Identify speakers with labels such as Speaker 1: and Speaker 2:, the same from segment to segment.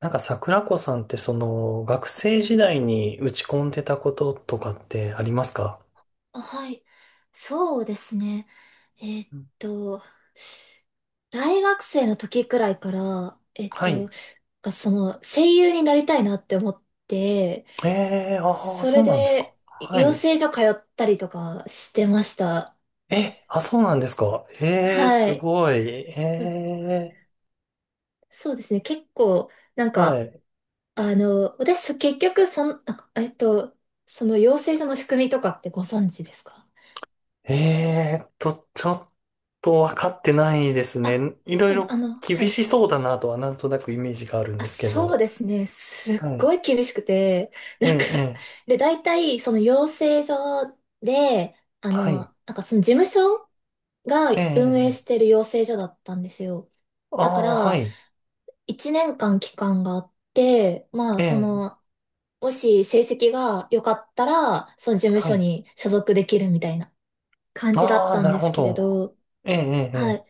Speaker 1: なんか桜子さんってその学生時代に打ち込んでたこととかってありますか？
Speaker 2: あ、はい。そうですね。えーっ
Speaker 1: うん。
Speaker 2: と、大学生の時くらいから、
Speaker 1: はい。
Speaker 2: その声優になりたいなって思って、
Speaker 1: ええー、ああー、
Speaker 2: そ
Speaker 1: そ
Speaker 2: れ
Speaker 1: うなんですか。
Speaker 2: で
Speaker 1: は
Speaker 2: 養
Speaker 1: い。
Speaker 2: 成所通ったりとかしてました。
Speaker 1: え、あ、そうなんですか。ええー、
Speaker 2: は
Speaker 1: す
Speaker 2: い。
Speaker 1: ごい。え
Speaker 2: う
Speaker 1: え
Speaker 2: そうですね。結構、なん
Speaker 1: ー、は
Speaker 2: か、
Speaker 1: い。
Speaker 2: あの、私、そ結局、そん、あ、えーっと、その養成所の仕組みとかってご存知ですか？
Speaker 1: ええーと、ちょっとわかってないですね。
Speaker 2: あ、
Speaker 1: いろい
Speaker 2: そうね。
Speaker 1: ろ厳
Speaker 2: はい。
Speaker 1: しそうだなとはなんとなくイメージがあるん
Speaker 2: あ、
Speaker 1: ですけ
Speaker 2: そう
Speaker 1: ど。
Speaker 2: ですね。すっ
Speaker 1: はい。
Speaker 2: ごい厳しくて、
Speaker 1: え
Speaker 2: なんか
Speaker 1: え、ええ、
Speaker 2: で、大体、その養成所で、
Speaker 1: はい。
Speaker 2: なんかその事務所が
Speaker 1: え
Speaker 2: 運営
Speaker 1: え、ええ、
Speaker 2: してる養成所だったんですよ。だか
Speaker 1: ああー、は
Speaker 2: ら、
Speaker 1: い。
Speaker 2: 1年間期間があって、まあ、そ
Speaker 1: ええ、
Speaker 2: の、もし成績が良かったら、その事務
Speaker 1: は
Speaker 2: 所
Speaker 1: い。
Speaker 2: に所属できるみたいな感じだっ
Speaker 1: ああ、
Speaker 2: たん
Speaker 1: なる
Speaker 2: で
Speaker 1: ほ
Speaker 2: すけれ
Speaker 1: ど。
Speaker 2: ど、
Speaker 1: ええ、ええ、
Speaker 2: は
Speaker 1: え
Speaker 2: い。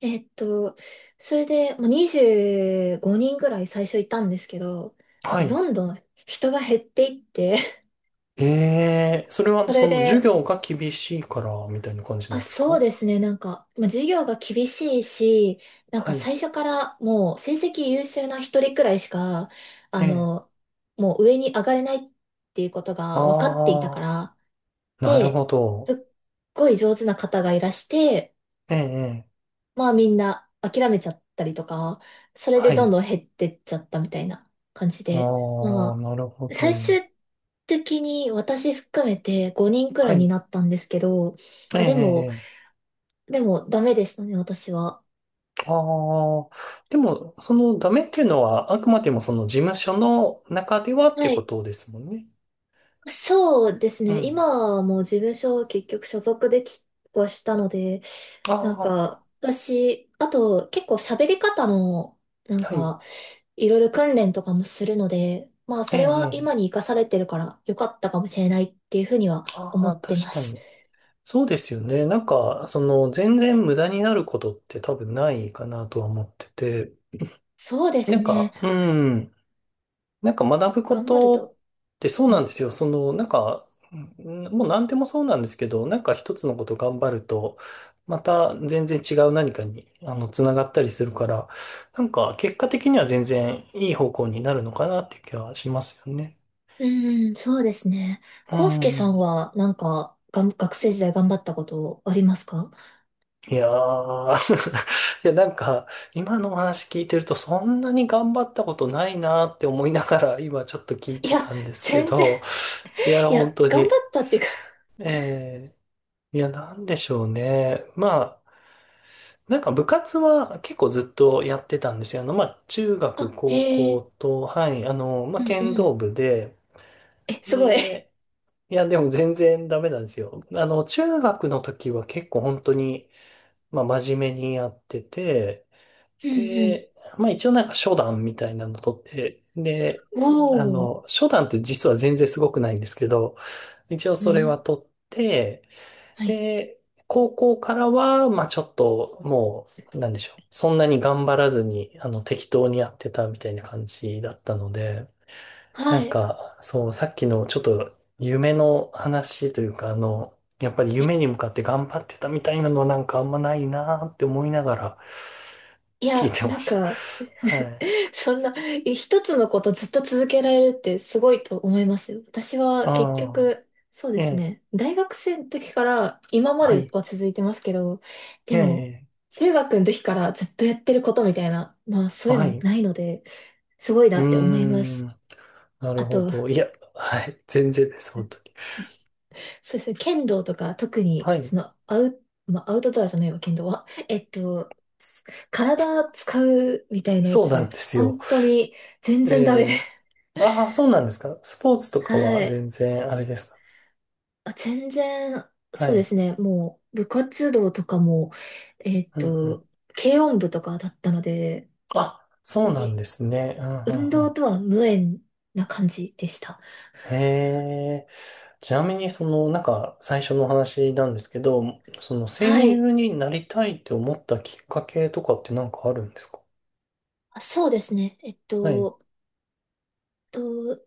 Speaker 2: えっと、それで、もう25人ぐらい最初いたんですけど、
Speaker 1: え、
Speaker 2: なん
Speaker 1: は
Speaker 2: か
Speaker 1: い。
Speaker 2: どんどん人が減っていって、
Speaker 1: ええ、それは あの、
Speaker 2: そ
Speaker 1: そ
Speaker 2: れ
Speaker 1: の授
Speaker 2: で、
Speaker 1: 業が厳しいから、みたいな感じな
Speaker 2: あ、
Speaker 1: んです
Speaker 2: そう
Speaker 1: か？
Speaker 2: ですね、なんか、まあ、授業が厳しいし、なん
Speaker 1: は
Speaker 2: か
Speaker 1: い。
Speaker 2: 最初からもう成績優秀な一人くらいしか、
Speaker 1: え
Speaker 2: あ
Speaker 1: え。
Speaker 2: の、もう上に上がれないっていうことが分かっていた
Speaker 1: あ
Speaker 2: から、
Speaker 1: あ、なる
Speaker 2: で、
Speaker 1: ほ
Speaker 2: すっ
Speaker 1: ど。
Speaker 2: ごい上手な方がいらして、
Speaker 1: ええ、ええ、
Speaker 2: まあみんな諦めちゃったりとか、それで
Speaker 1: は
Speaker 2: どん
Speaker 1: い。
Speaker 2: どん減ってっちゃったみたいな感じ
Speaker 1: あ
Speaker 2: で、
Speaker 1: あ、
Speaker 2: ま
Speaker 1: なるほ
Speaker 2: あ、最
Speaker 1: ど。
Speaker 2: 終的に私含めて5人く
Speaker 1: は
Speaker 2: らいに
Speaker 1: い。
Speaker 2: なったんですけど、
Speaker 1: え
Speaker 2: まあでも、
Speaker 1: え、ええ、
Speaker 2: でもダメでしたね、私は。
Speaker 1: ああー、でも、そのダメっていうのは、あくまでもその事務所の中ではってい
Speaker 2: は
Speaker 1: うこ
Speaker 2: い。
Speaker 1: とですもんね。
Speaker 2: そうです
Speaker 1: う
Speaker 2: ね。今
Speaker 1: ん。
Speaker 2: はもう事務所を結局所属できはしたので、
Speaker 1: あ
Speaker 2: なん
Speaker 1: あ、
Speaker 2: か、私、あと結構喋り方の、なん
Speaker 1: はい。
Speaker 2: か、いろいろ訓練とかもするので、まあ、
Speaker 1: え
Speaker 2: それは
Speaker 1: え、え
Speaker 2: 今
Speaker 1: え、
Speaker 2: に活かされてるから良かったかもしれないっていうふうには
Speaker 1: あ
Speaker 2: 思
Speaker 1: あ、
Speaker 2: って
Speaker 1: 確
Speaker 2: ま
Speaker 1: か
Speaker 2: す。
Speaker 1: に。そうですよね。なんか、その、全然無駄になることって多分ないかなとは思ってて、
Speaker 2: そうで
Speaker 1: な
Speaker 2: す
Speaker 1: んか、
Speaker 2: ね。
Speaker 1: うん、なんか学ぶこ
Speaker 2: 頑張る
Speaker 1: とっ
Speaker 2: と。
Speaker 1: てそう
Speaker 2: う
Speaker 1: なん
Speaker 2: ん、
Speaker 1: ですよ。その、なんか、うん、もう何でもそうなんですけど、なんか一つのこと頑張ると、また全然違う何かに、あの、つながったりするから、なんか結果的には全然いい方向になるのかなっていう気はしますよね。
Speaker 2: うん、そうですね。
Speaker 1: う
Speaker 2: 康介さん
Speaker 1: ん。
Speaker 2: は、なんか、学生時代頑張ったことありますか？
Speaker 1: いやー、 いや、なんか、今のお話聞いてると、そんなに頑張ったことないなーって思いながら、今ちょっと聞い
Speaker 2: い
Speaker 1: て
Speaker 2: や、
Speaker 1: たんですけ
Speaker 2: 全然、
Speaker 1: ど、いや、
Speaker 2: い
Speaker 1: 本
Speaker 2: や、
Speaker 1: 当
Speaker 2: 頑張っ
Speaker 1: に。
Speaker 2: たっていうか
Speaker 1: えいや、なんでしょうね。まあ、なんか部活は結構ずっとやってたんですよ。あの、まあ、中学、
Speaker 2: あ、へ
Speaker 1: 高
Speaker 2: え。
Speaker 1: 校と、はい、あの、ま
Speaker 2: う
Speaker 1: あ、
Speaker 2: んう
Speaker 1: 剣道
Speaker 2: ん。
Speaker 1: 部で、
Speaker 2: え、すごい。
Speaker 1: で、いや、でも全然ダメなんですよ。あの、中学の時は結構本当に、まあ、真面目にやってて、
Speaker 2: うん
Speaker 1: で、まあ一応なんか初段みたいなの取って、で、
Speaker 2: うん。
Speaker 1: あ
Speaker 2: おお。
Speaker 1: の、初段って実は全然すごくないんですけど、一応
Speaker 2: う
Speaker 1: それ
Speaker 2: ん。
Speaker 1: は取って、
Speaker 2: はい。
Speaker 1: で、高校からは、まあちょっともう、なんでしょう。そんなに頑張らずに、あの、適当にやってたみたいな感じだったので、な
Speaker 2: は
Speaker 1: ん
Speaker 2: い。
Speaker 1: か、そう、さっきのちょっと夢の話というか、あの、やっぱり夢に向かって頑張ってたみたいなのはなんかあんまないなーって思いながら
Speaker 2: い
Speaker 1: 聞い
Speaker 2: や、
Speaker 1: てま
Speaker 2: なん
Speaker 1: した。
Speaker 2: か
Speaker 1: は い。
Speaker 2: そんな、一つのことずっと続けられるってすごいと思いますよ。私は結
Speaker 1: ああ、
Speaker 2: 局、そうで
Speaker 1: え
Speaker 2: す
Speaker 1: え、
Speaker 2: ね。大学生の時から今ま
Speaker 1: は
Speaker 2: で
Speaker 1: い、
Speaker 2: は続いてますけど、
Speaker 1: え
Speaker 2: でも、
Speaker 1: え、
Speaker 2: 中学の時からずっとやってることみたいな、まあそういう
Speaker 1: は
Speaker 2: の
Speaker 1: い。
Speaker 2: ないので、すごい
Speaker 1: う
Speaker 2: な
Speaker 1: ー
Speaker 2: って思いま
Speaker 1: ん、
Speaker 2: す。
Speaker 1: なる
Speaker 2: あ
Speaker 1: ほ
Speaker 2: と、
Speaker 1: ど。いや、はい、全然です、本当に。
Speaker 2: そうですね。剣道とか、特に、
Speaker 1: はい、
Speaker 2: その、まあ、アウトドアじゃないわ、剣道は。体使うみたいなや
Speaker 1: そうな
Speaker 2: つ、
Speaker 1: んですよ。
Speaker 2: 本当に全
Speaker 1: え
Speaker 2: 然ダメで。
Speaker 1: え、ああ、そうなんですか。スポーツと か
Speaker 2: は
Speaker 1: は
Speaker 2: い。
Speaker 1: 全然あれですか。
Speaker 2: 全然、
Speaker 1: は
Speaker 2: そうで
Speaker 1: い、
Speaker 2: すね。もう、部活動とかも、えっ
Speaker 1: うん、うん。
Speaker 2: と、軽音部とかだったので、
Speaker 1: あ、
Speaker 2: 本当
Speaker 1: そうなん
Speaker 2: に
Speaker 1: ですね。うん、うん、
Speaker 2: 運動
Speaker 1: う
Speaker 2: とは無縁な感じでした。
Speaker 1: ん。へえ、ちなみに、その、なんか、最初のお話なんですけど、その、声
Speaker 2: はい。
Speaker 1: 優になりたいって思ったきっかけとかってなんかあるんですか？
Speaker 2: そうですね。
Speaker 1: はい。
Speaker 2: と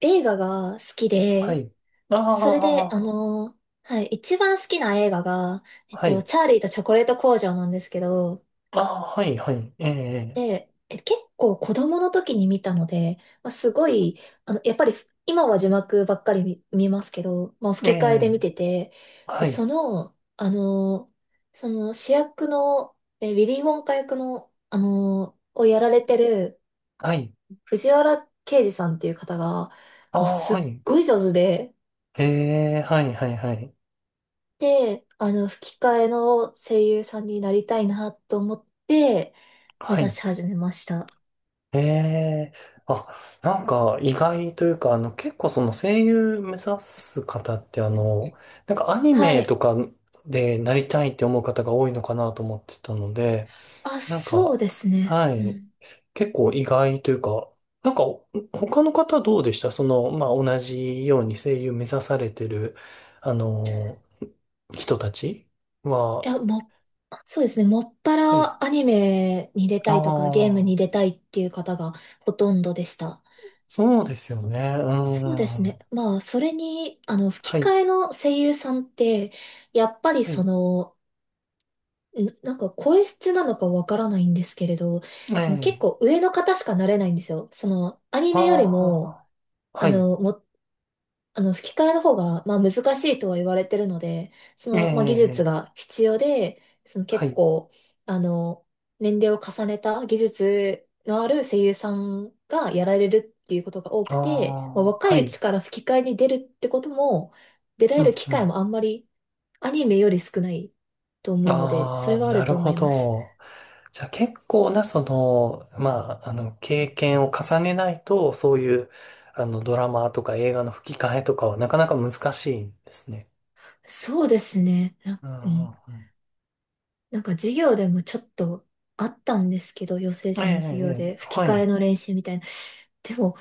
Speaker 2: 映画が好き
Speaker 1: は
Speaker 2: で、
Speaker 1: い。あ
Speaker 2: それで、
Speaker 1: あ、
Speaker 2: はい、一番好きな映画が、
Speaker 1: はい。
Speaker 2: チャーリーとチョコレート工場なんですけど、
Speaker 1: ああ、はい、はい。ええ、
Speaker 2: で、結構子供の時に見たので、まあ、すごい、やっぱり今は字幕ばっかり見ますけど、まあ、
Speaker 1: え
Speaker 2: 吹き替えで見
Speaker 1: え、
Speaker 2: てて、で、
Speaker 1: はい、
Speaker 2: その主役の、ウィリー・ウォンカ役の、をやられてる
Speaker 1: はい。
Speaker 2: 藤原啓治さんっていう方が、
Speaker 1: あ
Speaker 2: もう
Speaker 1: あ、
Speaker 2: すっ
Speaker 1: はい。
Speaker 2: ごい上手で、
Speaker 1: ええ、はい、はい、はい。
Speaker 2: で、吹き替えの声優さんになりたいなと思って、目
Speaker 1: は
Speaker 2: 指
Speaker 1: い。
Speaker 2: し始めました。
Speaker 1: ええ、あ、なんか意外というか、あの、結構その声優目指す方って、あの、なんかアニ
Speaker 2: は
Speaker 1: メ
Speaker 2: い。
Speaker 1: とかでなりたいって思う方が多いのかなと思ってたので、
Speaker 2: あ、
Speaker 1: なん
Speaker 2: そう
Speaker 1: か、
Speaker 2: ですね。
Speaker 1: は
Speaker 2: う
Speaker 1: い、
Speaker 2: ん。
Speaker 1: 結構意外というか、なんか、他の方どうでしたその、まあ、同じように声優目指されてる、あの人たち
Speaker 2: い
Speaker 1: は。
Speaker 2: や、もう、そうですね。もっぱ
Speaker 1: はい。
Speaker 2: らアニメに出
Speaker 1: あ
Speaker 2: たいとか、ゲーム
Speaker 1: あ、
Speaker 2: に出たいっていう方がほとんどでした。
Speaker 1: そうですよね。う
Speaker 2: そうで
Speaker 1: ー
Speaker 2: すね。
Speaker 1: ん。
Speaker 2: まあ、それに、
Speaker 1: は
Speaker 2: 吹き替
Speaker 1: い、
Speaker 2: えの声優さんって、やっぱり
Speaker 1: は
Speaker 2: そ
Speaker 1: い。
Speaker 2: の、なんか声質なのかわからないんですけれど、
Speaker 1: え
Speaker 2: その結
Speaker 1: え。
Speaker 2: 構上の方しかなれないんですよ。その、アニメよりも、
Speaker 1: ああ、
Speaker 2: あ
Speaker 1: はい。
Speaker 2: の、も、吹き替えの方が、まあ、難しいとは言われてるので、そ
Speaker 1: え
Speaker 2: の、まあ、技術
Speaker 1: え、
Speaker 2: が必要で、その
Speaker 1: は
Speaker 2: 結
Speaker 1: い。
Speaker 2: 構、あの、年齢を重ねた技術のある声優さんがやられるっていうことが多く
Speaker 1: あ
Speaker 2: て、まあ、
Speaker 1: あ、
Speaker 2: 若
Speaker 1: は
Speaker 2: いうち
Speaker 1: い。
Speaker 2: から吹き替えに出るってことも、出ら
Speaker 1: う
Speaker 2: れ
Speaker 1: ん、
Speaker 2: る機
Speaker 1: う
Speaker 2: 会
Speaker 1: ん。
Speaker 2: もあんまりアニメより少ないと思うので、それ
Speaker 1: ああ、
Speaker 2: はあ
Speaker 1: な
Speaker 2: る
Speaker 1: る
Speaker 2: と思
Speaker 1: ほ
Speaker 2: います。
Speaker 1: ど。じゃあ結構な、その、まあ、あの、経験を重ねないと、そういう、あの、ドラマとか映画の吹き替えとかはなかなか難しいんですね。
Speaker 2: そうですね。
Speaker 1: うん、うん、う
Speaker 2: なんか授業でもちょっとあったんですけど、養成
Speaker 1: ん。ええ、
Speaker 2: 所の授業
Speaker 1: ええ、
Speaker 2: で吹き
Speaker 1: は
Speaker 2: 替え
Speaker 1: い。
Speaker 2: の練習みたいな。でも、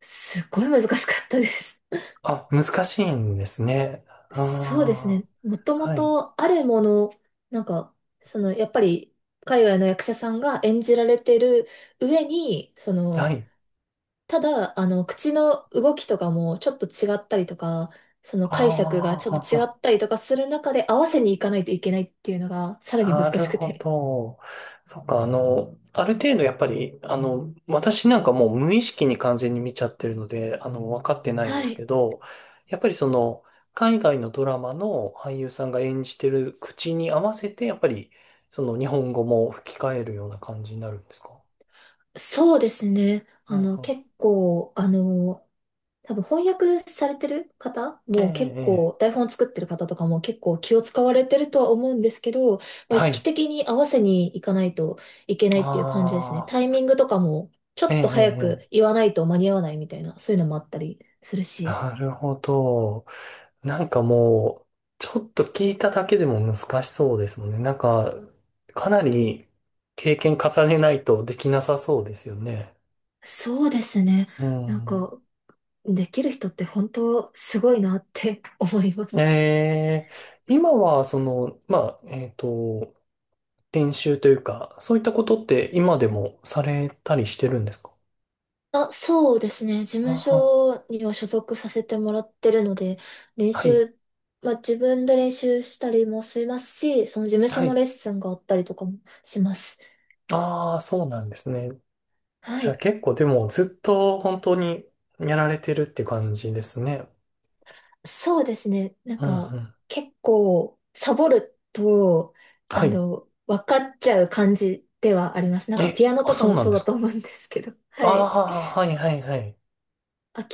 Speaker 2: すっごい難しかったです。
Speaker 1: あ、難しいんですね。
Speaker 2: そうです
Speaker 1: あ
Speaker 2: ね。もと
Speaker 1: あ、
Speaker 2: も
Speaker 1: はい。
Speaker 2: とあるもの、なんか、その、やっぱり海外の役者さんが演じられてる上に、そ
Speaker 1: は
Speaker 2: の、
Speaker 1: い。
Speaker 2: ただ、口の動きとかもちょっと違ったりとか、その解釈が
Speaker 1: あ
Speaker 2: ちょっと違
Speaker 1: あ、
Speaker 2: ったりとかする中で合わせにいかないといけないっていうのがさらに
Speaker 1: な
Speaker 2: 難
Speaker 1: る
Speaker 2: しく
Speaker 1: ほ
Speaker 2: て。
Speaker 1: ど。そっか、あの、ある程度やっぱり、あの、私なんかもう無意識に完全に見ちゃってるので、あの、分かってないんで
Speaker 2: は
Speaker 1: すけ
Speaker 2: い。
Speaker 1: ど、やっぱりその、海外のドラマの俳優さんが演じてる口に合わせて、やっぱり、その日本語も吹き替えるような感じになるんですか？
Speaker 2: そうですね。
Speaker 1: うん、うん。
Speaker 2: 結構、多分翻訳されてる方
Speaker 1: え
Speaker 2: も結
Speaker 1: え、
Speaker 2: 構、台本作ってる方とかも結構気を使われてるとは思うんですけど、まあ、
Speaker 1: ええ。
Speaker 2: 意
Speaker 1: は
Speaker 2: 識
Speaker 1: い。
Speaker 2: 的に合わせにいかないといけないっていう感じですね。
Speaker 1: あ
Speaker 2: タイ
Speaker 1: あ、
Speaker 2: ミングとかも、ちょ
Speaker 1: ええ、
Speaker 2: っ
Speaker 1: え
Speaker 2: と早
Speaker 1: え。え
Speaker 2: く
Speaker 1: え、
Speaker 2: 言わないと間に合わないみたいな、そういうのもあったりするし。
Speaker 1: なるほど。なんかもう、ちょっと聞いただけでも難しそうですもんね。なんか、かなり経験重ねないとできなさそうですよね。
Speaker 2: そうですね。
Speaker 1: う
Speaker 2: なん
Speaker 1: ん。
Speaker 2: か、できる人って本当すごいなって 思います。
Speaker 1: えー、今は、その、まあ、練習というか、そういったことって今でもされたりしてるんですか？
Speaker 2: あ、そうですね。事
Speaker 1: あ
Speaker 2: 務
Speaker 1: は、
Speaker 2: 所には所属させてもらってるので、練
Speaker 1: はい、
Speaker 2: 習、まあ自分で練習したりもしますし、その事務所
Speaker 1: は
Speaker 2: の
Speaker 1: い。
Speaker 2: レッスンがあったりとかもします。
Speaker 1: ああ、そうなんですね。
Speaker 2: は
Speaker 1: じゃあ
Speaker 2: い。
Speaker 1: 結構でもずっと本当にやられてるって感じですね。
Speaker 2: そうですね。なん
Speaker 1: うん、う
Speaker 2: か、
Speaker 1: ん。
Speaker 2: 結構、サボると、
Speaker 1: はい。
Speaker 2: 分かっちゃう感じではあります。なんか、
Speaker 1: え、
Speaker 2: ピアノ
Speaker 1: あ、
Speaker 2: とか
Speaker 1: そう
Speaker 2: も
Speaker 1: なん
Speaker 2: そう
Speaker 1: で
Speaker 2: だ
Speaker 1: す
Speaker 2: と
Speaker 1: か。
Speaker 2: 思うんですけど。
Speaker 1: あ
Speaker 2: はい。
Speaker 1: あ、はい、はい、はい。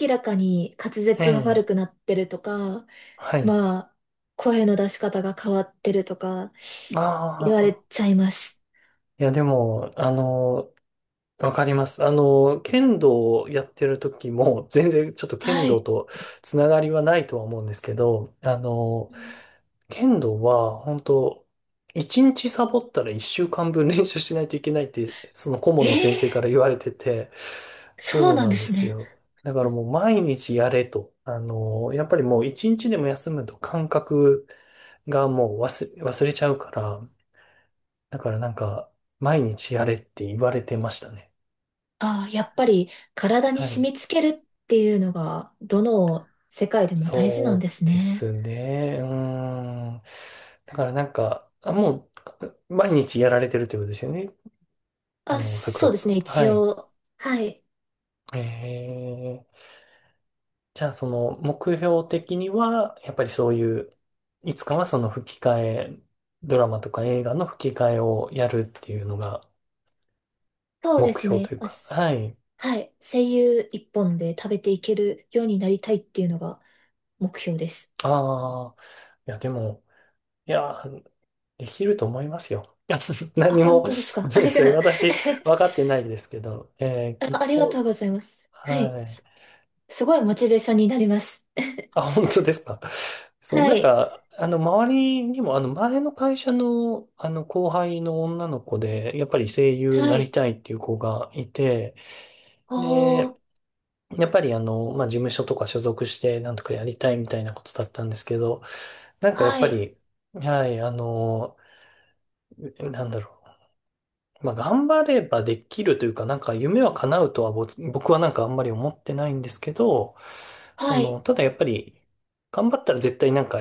Speaker 2: 明らかに滑
Speaker 1: え
Speaker 2: 舌が
Speaker 1: え、
Speaker 2: 悪くなってるとか、
Speaker 1: はい。
Speaker 2: まあ、声の出し方が変わってるとか、
Speaker 1: あ
Speaker 2: 言われ
Speaker 1: あ、
Speaker 2: ちゃいます。
Speaker 1: いやでも、あの、わかります。あの、剣道をやってる時も、全然ちょっと剣
Speaker 2: は
Speaker 1: 道
Speaker 2: い。
Speaker 1: とつながりはないとは思うんですけど、あの、
Speaker 2: うん、
Speaker 1: 剣道は、本当一日サボったら一週間分練習しないといけないって、その顧問
Speaker 2: え
Speaker 1: の先生か
Speaker 2: え、
Speaker 1: ら言われてて、
Speaker 2: そう
Speaker 1: そう
Speaker 2: なん
Speaker 1: な
Speaker 2: で
Speaker 1: んで
Speaker 2: す
Speaker 1: す
Speaker 2: ね。
Speaker 1: よ。だからもう毎日やれと。あの、やっぱりもう一日でも休むと感覚がもう忘れちゃうから、だからなんか、毎日やれって言われてましたね。
Speaker 2: ああ、やっぱり体に
Speaker 1: はい。
Speaker 2: 染み付けるっていうのが、どの世界でも大事
Speaker 1: そ
Speaker 2: なんです
Speaker 1: うで
Speaker 2: ね。
Speaker 1: すね。うーん。だからなんか、あもう、毎日やられてるってことですよね。あ
Speaker 2: あ、
Speaker 1: の、桜
Speaker 2: そう
Speaker 1: 子
Speaker 2: です
Speaker 1: さん
Speaker 2: ね、
Speaker 1: は。
Speaker 2: 一
Speaker 1: はい。
Speaker 2: 応。はい。
Speaker 1: ええ、じゃあ、その、目標的には、やっぱりそういう、いつかはその吹き替え、ドラマとか映画の吹き替えをやるっていうのが
Speaker 2: そうで
Speaker 1: 目
Speaker 2: す
Speaker 1: 標
Speaker 2: ね。
Speaker 1: という
Speaker 2: あ、
Speaker 1: か。はい。
Speaker 2: はい。声優一本で食べていけるようになりたいっていうのが目標です。
Speaker 1: ああ、いや、でも、いや、できると思いますよ。
Speaker 2: あ、
Speaker 1: 何も、
Speaker 2: 本当です
Speaker 1: ご
Speaker 2: か。
Speaker 1: め
Speaker 2: あ
Speaker 1: んな
Speaker 2: り
Speaker 1: さ
Speaker 2: が、
Speaker 1: 私、分かっ てないですけど、
Speaker 2: あ、
Speaker 1: きっ
Speaker 2: ありがと
Speaker 1: と。
Speaker 2: うございます。はい。
Speaker 1: はい。
Speaker 2: すごいモチベーションになります。
Speaker 1: あ、本当ですか。そう、
Speaker 2: は
Speaker 1: なん
Speaker 2: い。
Speaker 1: か、あの、周りにも、あの、前の会社の、あの、後輩の女の子で、やっぱり声優に
Speaker 2: は
Speaker 1: なり
Speaker 2: い。
Speaker 1: たいっていう子がいて、
Speaker 2: お
Speaker 1: で、
Speaker 2: ー。
Speaker 1: やっぱりあの、まあ、事務所とか所属して、なんとかやりたいみたいなことだったんですけど、なんかやっ
Speaker 2: は
Speaker 1: ぱ
Speaker 2: い。
Speaker 1: り、はい、あの、なんだろう。まあ、頑張ればできるというか、なんか夢は叶うとは僕はなんかあんまり思ってないんですけど、そ
Speaker 2: は
Speaker 1: の、
Speaker 2: い。
Speaker 1: ただやっぱり、頑張ったら絶対なんか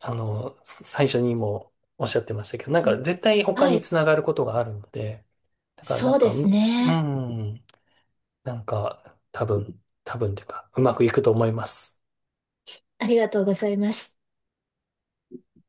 Speaker 1: あの、最初にもおっしゃってましたけど、なん
Speaker 2: う
Speaker 1: か
Speaker 2: ん、
Speaker 1: 絶対他
Speaker 2: は
Speaker 1: に
Speaker 2: い。
Speaker 1: つながることがあるので、だからな
Speaker 2: そ
Speaker 1: ん
Speaker 2: うで
Speaker 1: か、
Speaker 2: す
Speaker 1: むう
Speaker 2: ね。
Speaker 1: ん、なんか多分、多分というか、うまくいくと思います。
Speaker 2: ありがとうございます。